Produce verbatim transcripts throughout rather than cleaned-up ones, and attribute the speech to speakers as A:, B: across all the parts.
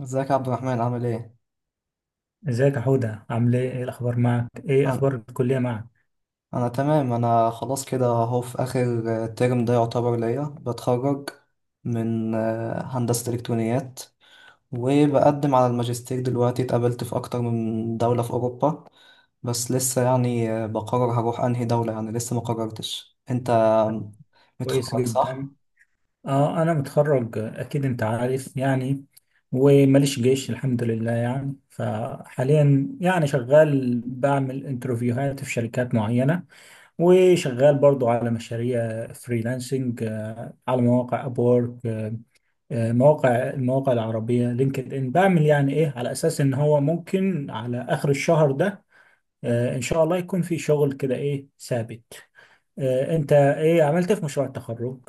A: ازيك يا عبد الرحمن عامل ايه؟
B: ازيك يا حودة، عامل ايه؟ ايه الاخبار معك؟ ايه اخبار
A: انا
B: الكلية معك؟
A: انا تمام. انا خلاص كده اهو في اخر آه، ترم ده يعتبر ليا بتخرج من آه، هندسة الكترونيات. وبقدم على الماجستير دلوقتي. اتقابلت في اكتر من دولة في اوروبا، بس لسه يعني آه، بقرر هروح انهي دولة. يعني لسه ما قررتش. انت
B: كويس
A: متخرج صح؟
B: جدا. اه، انا متخرج، اكيد انت عارف يعني. وماليش جيش الحمد لله يعني، فحاليا يعني شغال، بعمل انترفيوهات في شركات معينة. وشغال برضو على مشاريع فريلانسنج، آه، على مواقع ابورك، مواقع المواقع العربية لينكد ان. بعمل يعني ايه، على اساس ان هو ممكن على اخر الشهر ده آه، ان شاء الله يكون في شغل كده ايه ثابت. آه، انت ايه عملت إيه في مشروع التخرج؟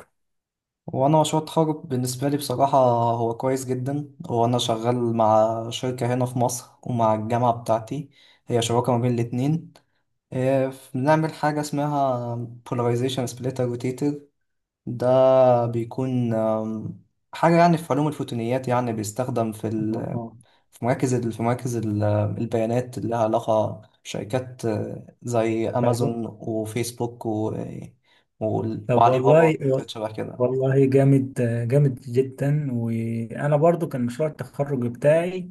A: وانا مشروع التخرج بالنسبه لي بصراحه هو كويس جدا. وانا شغال مع شركه هنا في مصر ومع الجامعه بتاعتي، هي شراكه ما بين الاتنين. آه، ف- بنعمل حاجه اسمها polarization splitter rotator. ده بيكون آم، حاجه يعني في علوم الفوتونيات، يعني بيستخدم في
B: آه،
A: ال-
B: آه.
A: في مراكز ال- في مراكز ال- البيانات اللي لها علاقه بشركات آه، زي
B: طب
A: امازون وفيسبوك و
B: طب
A: وعلي بابا
B: والله.
A: وشركات شبه كده.
B: والله، جامد، جامد جدا. وانا برضو كان مشروع التخرج بتاعي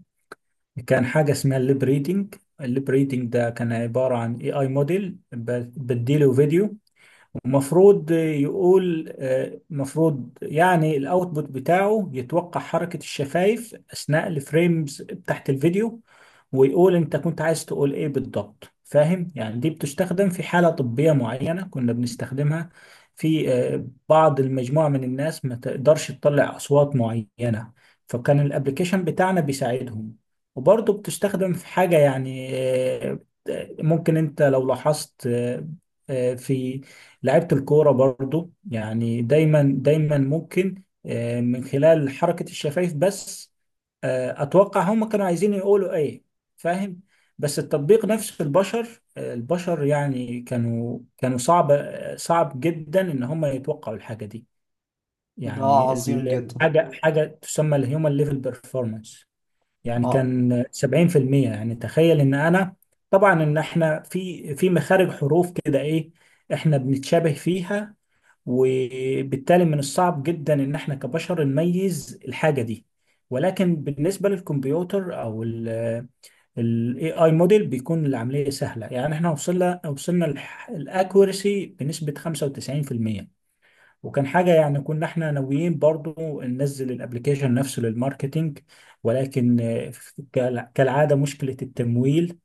B: كان حاجه اسمها الليب ريدنج. الليب ريدنج ده كان عباره عن اي اي موديل بديله فيديو، ومفروض يقول، آه، مفروض يعني الاوتبوت بتاعه يتوقع حركة الشفايف اثناء الفريمز تحت الفيديو، ويقول انت كنت عايز تقول ايه بالضبط، فاهم يعني؟ دي بتستخدم في حالة طبية معينة، كنا بنستخدمها في آه، بعض المجموعة من الناس ما تقدرش تطلع اصوات معينة، فكان الابليكيشن بتاعنا بيساعدهم. وبرضه بتستخدم في حاجة يعني، آه، ممكن انت لو لاحظت، آه، آه، في لعيبة الكورة برضو يعني، دايما دايما ممكن آه، من خلال حركة الشفايف بس آه، أتوقع هم كانوا عايزين يقولوا إيه. فاهم؟ بس التطبيق نفسه، البشر آه، البشر يعني كانوا كانوا صعب آه، صعب جدا إن هم يتوقعوا الحاجة دي.
A: ده
B: يعني
A: عظيم
B: ال-
A: جدا.
B: حاجة حاجة تسمى الهيومن ليفل بيرفورمانس. يعني
A: اه.
B: كان سبعين في المية، يعني تخيل إن أنا، طبعا إن إحنا في في مخارج حروف كده إيه، إحنا بنتشابه فيها، وبالتالي من الصعب جدا ان احنا كبشر نميز الحاجة دي. ولكن بالنسبة للكمبيوتر او ال A I موديل بيكون العملية سهلة. يعني احنا وصلنا وصلنا الاكوريسي بنسبة خمسة وتسعين في المية. وكان حاجة يعني كنا احنا ناويين برضو ننزل الابليكيشن نفسه للماركتينج، ولكن آه، كالع- كالعادة مشكلة التمويل.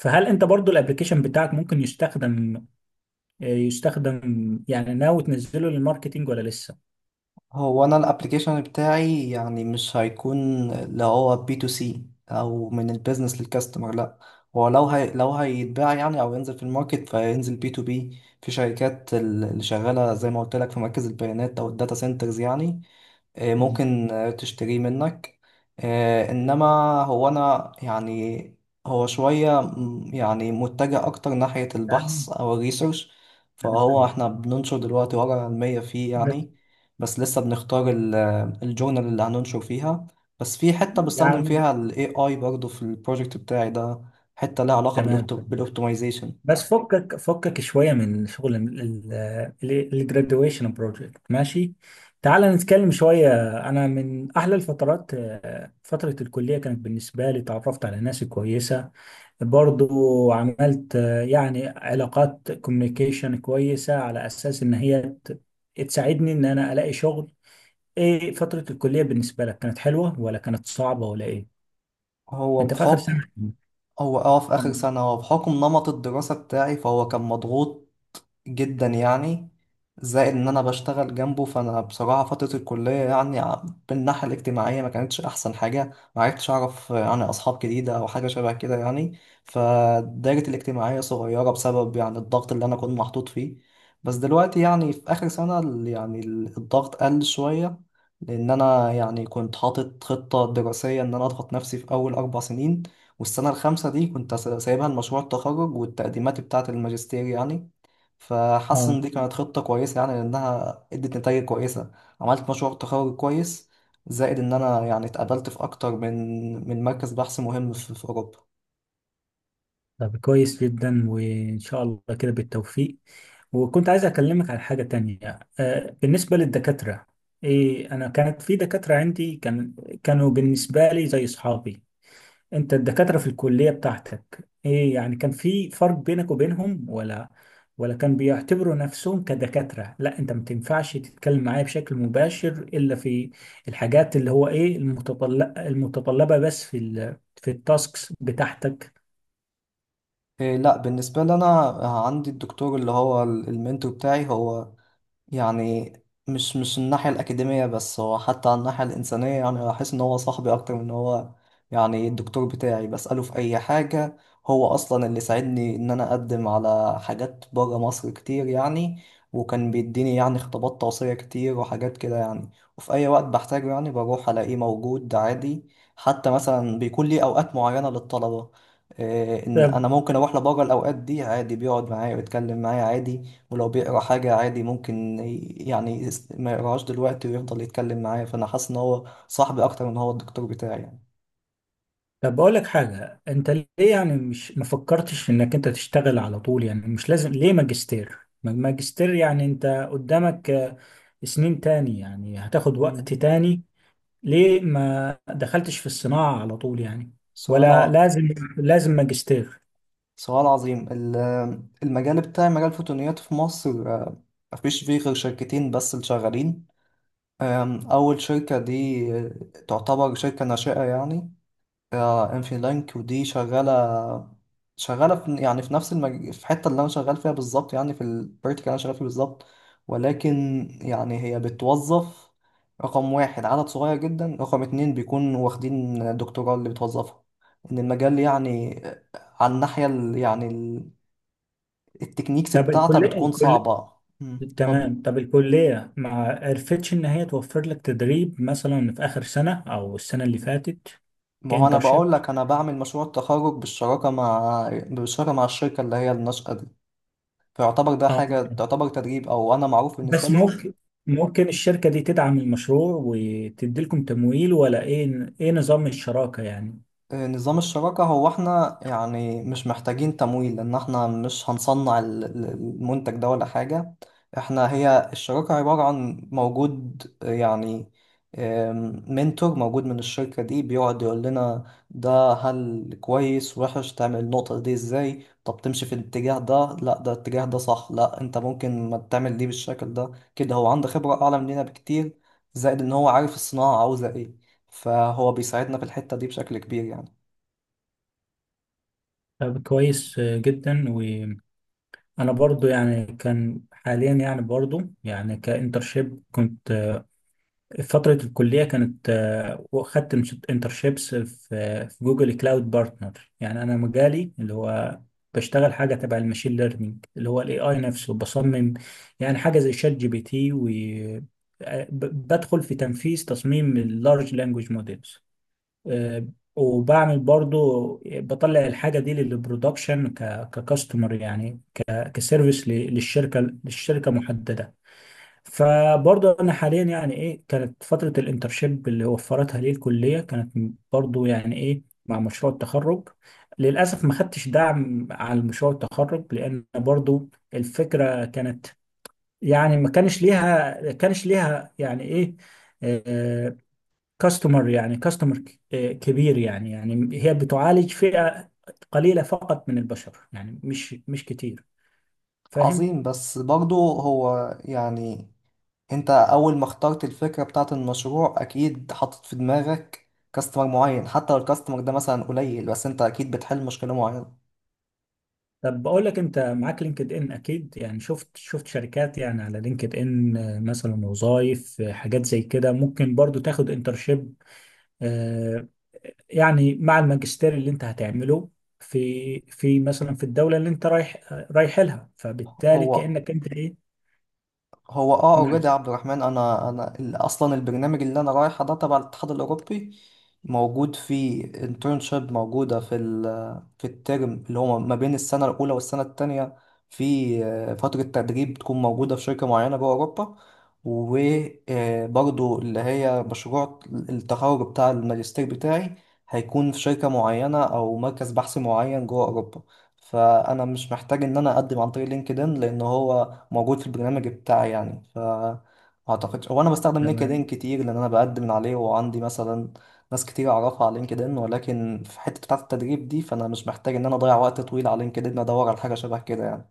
B: فهل انت برضو الابليكيشن بتاعك ممكن يستخدم آه، يستخدم يعني، ناوي تنزله للماركتينج ولا لسه؟
A: هو انا الابليكيشن بتاعي يعني مش هيكون اللي هو بي تو سي، او من البيزنس للكاستمر، لا. هو لو هي لو هيتباع يعني، او ينزل في الماركت، فينزل بي تو بي في شركات ال- اللي شغاله زي ما قلت لك في مركز البيانات او الداتا سنترز يعني. آه،
B: أه.
A: ممكن آه، تشتريه منك. آه، انما هو انا يعني هو شوية م- يعني متجه اكتر ناحية البحث
B: فاهم.
A: او الريسيرش.
B: أنا
A: فهو
B: فاهم.
A: احنا بننشر دلوقتي ورقة علمية فيه
B: بس
A: يعني. بس لسه بنختار ال- الجورنال اللي هننشر فيها. بس في حتة بستخدم
B: يعني،
A: فيها ال A I برضه في البروجكت بتاعي ده، حتة لها علاقة
B: تمام،
A: بالأوبت-
B: تمام.
A: بالاوبتمايزيشن.
B: بس فكك فكك شوية من شغل الجراديويشن بروجكت، ماشي؟ تعال نتكلم شوية. أنا من أحلى الفترات، آه، فترة الكلية كانت بالنسبة لي، تعرفت على ناس كويسة، برضو عملت آه، يعني علاقات كوميونيكيشن كويسة، على أساس إن هي ت- تساعدني إن أنا ألاقي شغل. إيه، فترة الكلية بالنسبة لك كانت حلوة ولا كانت صعبة ولا إيه؟
A: هو
B: أنت في آخر سنة.
A: بحكم هو اه، في آخر
B: أم-
A: سنة. هو بحكم نمط الدراسة بتاعي فهو كان مضغوط جدا يعني. زائد ان انا بشتغل جنبه. فانا بصراحه فتره الكليه يعني ع- بالناحيه الاجتماعيه ما كانتش احسن حاجه. ما عرفتش اعرف يعني اصحاب جديده او حاجه شبه كده يعني. فدايرتي الاجتماعيه صغيره بسبب يعني الضغط اللي انا كنت محطوط فيه. بس دلوقتي يعني في اخر سنه ال- يعني ال- الضغط قل شويه. لان انا يعني كنت حاطط خطه دراسيه ان انا اضغط نفسي في اول اربع سنين، والسنه الخامسه دي كنت سايبها لمشروع التخرج والتقديمات بتاعه الماجستير يعني. فحاسس
B: اه.
A: ان دي كانت خطة كويسة يعني لانها ادت نتائج كويسة. عملت مشروع تخرج كويس. زائد ان انا يعني اتقابلت في اكتر من من مركز بحث مهم في, في اوروبا.
B: طب كويس جدا، وان شاء الله كده بالتوفيق. وكنت عايز اكلمك على حاجة تانية. آه، بالنسبة للدكاترة، ايه، انا كانت في دكاترة عندي كان كانوا بالنسبة لي زي اصحابي. انت الدكاترة في الكلية بتاعتك ايه يعني، كان في فرق بينك وبينهم، ولا ولا كان بيعتبروا نفسهم كدكاترة، لا انت ما تنفعش تتكلم معايا بشكل مباشر الا في الحاجات اللي هو ايه، المتطلب المتطلبة بس، في ال- في التاسكس بتاعتك؟
A: إيه لا. بالنسبة لي انا آه، عندي الدكتور اللي هو ال- المنتور بتاعي. هو يعني مش مش الناحية الأكاديمية بس، هو حتى على الناحية الإنسانية. يعني أحس إن هو صاحبي أكتر من إن هو يعني الدكتور بتاعي. بسأله في أي حاجة. هو أصلا اللي ساعدني إن أنا أقدم على حاجات برا مصر كتير يعني. وكان بيديني يعني خطابات توصية كتير وحاجات كده يعني. وفي أي وقت بحتاجه يعني بروح ألاقيه موجود عادي. حتى مثلا بيكون لي أوقات معينة للطلبة، إيه، إن
B: طب
A: أنا ممكن أروح لبرا الأوقات دي عادي بيقعد معايا ويتكلم معايا عادي. ولو بيقرا حاجة عادي ممكن ي- يعني يس- ما يقراهاش دلوقتي ويفضل يتكلم معايا. فأنا حاسس إن هو صاحبي أكتر من هو الدكتور بتاعي يعني.
B: طب اقول لك حاجه، انت ليه يعني مش ما فكرتش انك انت تشتغل على طول؟ يعني مش لازم ليه ماجستير، ما- ماجستير يعني. انت قدامك آه، سنين تاني، يعني هتاخد وقت
A: مم.
B: تاني. ليه ما دخلتش في الصناعه على طول يعني؟
A: سؤال ع...
B: ولا لازم لازم ماجستير؟
A: سؤال عظيم. ال- المجال بتاعي مجال الفوتونيات في مصر آه، مفيش فيه غير شركتين بس اللي شغالين. آم، أول شركة دي آه، تعتبر شركة ناشئة يعني. اه، انفي لانك. ودي شغاله شغاله في يعني في نفس المج... في الحته اللي انا شغال فيها بالظبط يعني. في الفيرتيكال اللي انا شغال فيه بالظبط. ولكن يعني هي بتوظف: رقم واحد، عدد صغير جدا؛ رقم اتنين، بيكون واخدين الدكتوراه اللي بتوظفها. ان المجال يعني على الناحيه ال... يعني ال- التكنيكس
B: طب
A: بتاعتها
B: الكليه
A: بتكون
B: الكل
A: صعبه. مم، اتفضل.
B: تمام، طب الكليه ما عرفتش ان هي توفر لك تدريب مثلا في اخر سنه او السنه اللي فاتت؟
A: ما هو انا
B: كانترشيب.
A: بقول لك انا بعمل مشروع التخرج بالشراكه مع بالشراكه مع الشركه اللي هي الناشئه دي. فيعتبر ده
B: اه.
A: حاجة تعتبر تدريب، أو أنا معروف بالنسبة
B: بس
A: لهم.
B: ممكن ممكن الشركة دي تدعم المشروع وتدي لكم تمويل؟ ولا ايه، ايه نظام الشراكة يعني؟
A: نظام الشراكة هو احنا يعني مش محتاجين تمويل، لأن احنا مش هنصنع ال- ال- المنتج ده ولا حاجة. احنا هي الشراكة عبارة عن موجود يعني آم، منتور موجود من الشركة دي بيقعد يقول لنا ده هل كويس وحش، تعمل النقطة دي ازاي، طب تمشي في الاتجاه ده، لا ده الاتجاه ده صح، لا انت ممكن ما تعمل دي بالشكل ده كده. هو عنده خبرة أعلى مننا بكتير. زائد ان هو عارف الصناعة عاوزة ايه، فهو بيساعدنا في الحتة دي بشكل كبير يعني.
B: طب كويس جدا. وانا برضو يعني، كان حاليا يعني برضو يعني كانترشيب، كنت فترة الكلية كانت، آه، وخدت انترشيبس في في جوجل كلاود بارتنر. يعني أنا مجالي اللي هو بشتغل حاجة تبع الماشين ليرنينج، اللي هو الاي اي نفسه بصمم. يعني حاجة زي شات جي بي تي، وبدخل في تنفيذ تصميم اللارج لانجوج موديلز. وبعمل برضو بطلع الحاجة دي للبرودكشن، ككاستمر يعني، كسيرفيس للشركة للشركة محددة. فبرضه انا حاليا يعني ايه، كانت فتره الانترشيب اللي وفرتها لي الكليه، كانت برضه يعني ايه مع مشروع التخرج، للاسف ما خدتش دعم على مشروع التخرج، لان برضه الفكره كانت يعني ما كانش ليها كانش ليها يعني ايه كاستمر، يعني كاستمر كبير يعني يعني هي بتعالج فئه قليله فقط من البشر، يعني مش مش كتير. فاهم؟
A: عظيم. بس برضو هو يعني انت اول ما اخترت الفكرة بتاعت المشروع اكيد حاطط في دماغك كاستمر معين. حتى لو الكاستمر ده مثلا قليل، بس انت اكيد بتحل مشكلة معينة.
B: طب بقول لك، انت معاك لينكد ان اكيد، يعني شفت شفت شركات يعني على لينكد ان، آه، مثلا وظائف حاجات زي كده، ممكن برضو تاخد انترشيب يعني مع الماجستير اللي انت هتعمله في في مثلا في الدولة اللي انت رايح آه، رايح لها، فبالتالي
A: هو
B: كأنك انت ايه،
A: هو اه،
B: مع-
A: اوريدي يا عبد الرحمن. انا انا ال- اصلا البرنامج اللي انا رايحه ده تبع الاتحاد الاوروبي، موجود فيه انترنشيب، موجوده في ال- في الترم اللي هو ما بين السنه الاولى والسنه التانية. في آه، فتره تدريب بتكون موجوده في شركه معينه جوه اوروبا. وبرضه اللي هي مشروع التخرج بتاع الماجستير بتاعي هيكون في شركه معينه او مركز بحث معين جوه اوروبا. فانا مش محتاج ان انا اقدم عن طريق لينكدين لان هو موجود في البرنامج بتاعي يعني. ف اعتقدش هو انا بستخدم لينكدين
B: تمام،
A: كتير لان انا بقدم من عليه، وعندي مثلا ناس كتير اعرفها على لينكدين. ولكن في حته بتاعه التدريب دي فانا مش محتاج ان انا اضيع وقت طويل على لينكدين ادور على حاجه شبه كده يعني.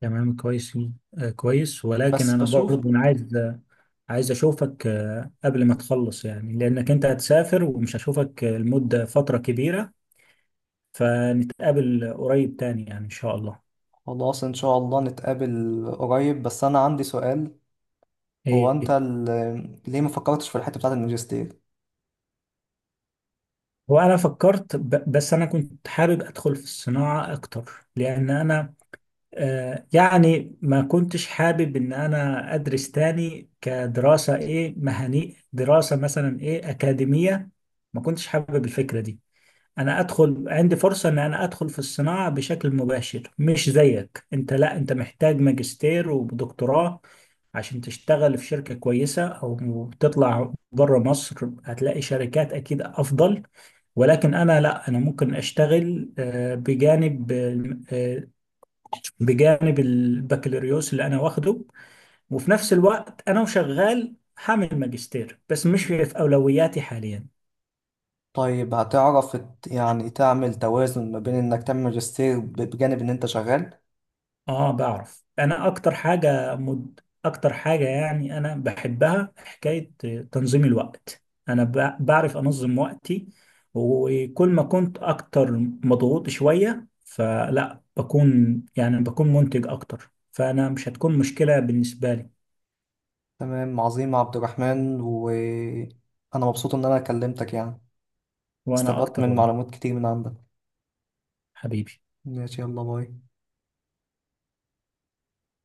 B: تمام، كويس آه، كويس. ولكن
A: بس
B: انا
A: بشوف.
B: برضو، أنا عايز آه، عايز اشوفك آه، قبل ما تخلص يعني، لانك انت هتسافر ومش هشوفك المدة فترة كبيرة. فنتقابل قريب تاني يعني إن شاء الله.
A: خلاص ان شاء الله نتقابل قريب، بس انا عندي سؤال. هو انت
B: إيه.
A: ال- ليه ما فكرتش في الحته بتاعه الماجستير؟
B: وأنا فكرت ب- بس أنا كنت حابب أدخل في الصناعة أكتر، لأن أنا آه يعني ما كنتش حابب إن أنا أدرس تاني، كدراسة إيه مهني، دراسة مثلا إيه أكاديمية. ما كنتش حابب الفكرة دي. انا ادخل عندي فرصة ان انا ادخل في الصناعة بشكل مباشر. مش زيك انت، لا، انت محتاج ماجستير ودكتوراه عشان تشتغل في شركة كويسة، او تطلع بره مصر هتلاقي شركات اكيد افضل. ولكن انا، لا، انا ممكن اشتغل، آه، بجانب آه، بجانب البكالوريوس اللي انا واخده، وفي نفس الوقت انا وشغال. هعمل ماجستير بس مش في في اولوياتي حاليا.
A: طيب هتعرف ت- يعني تعمل توازن ما بين انك تعمل ماجستير ب- بجانب ان انت شغال؟
B: اه بعرف. انا اكتر حاجة مد... اكتر حاجة يعني انا بحبها، حكاية تنظيم الوقت. انا ب... بعرف انظم وقتي. وكل ما كنت اكتر مضغوط شوية، فلا بكون يعني بكون منتج اكتر، فانا مش هتكون مشكلة بالنسبة لي.
A: تمام. عظيم عبد الرحمن. وأنا مبسوط إن أنا كلمتك يعني.
B: وانا
A: استفدت
B: اكتر
A: من
B: والله.
A: معلومات كتير من عندك.
B: حبيبي.
A: ماشي يلا باي.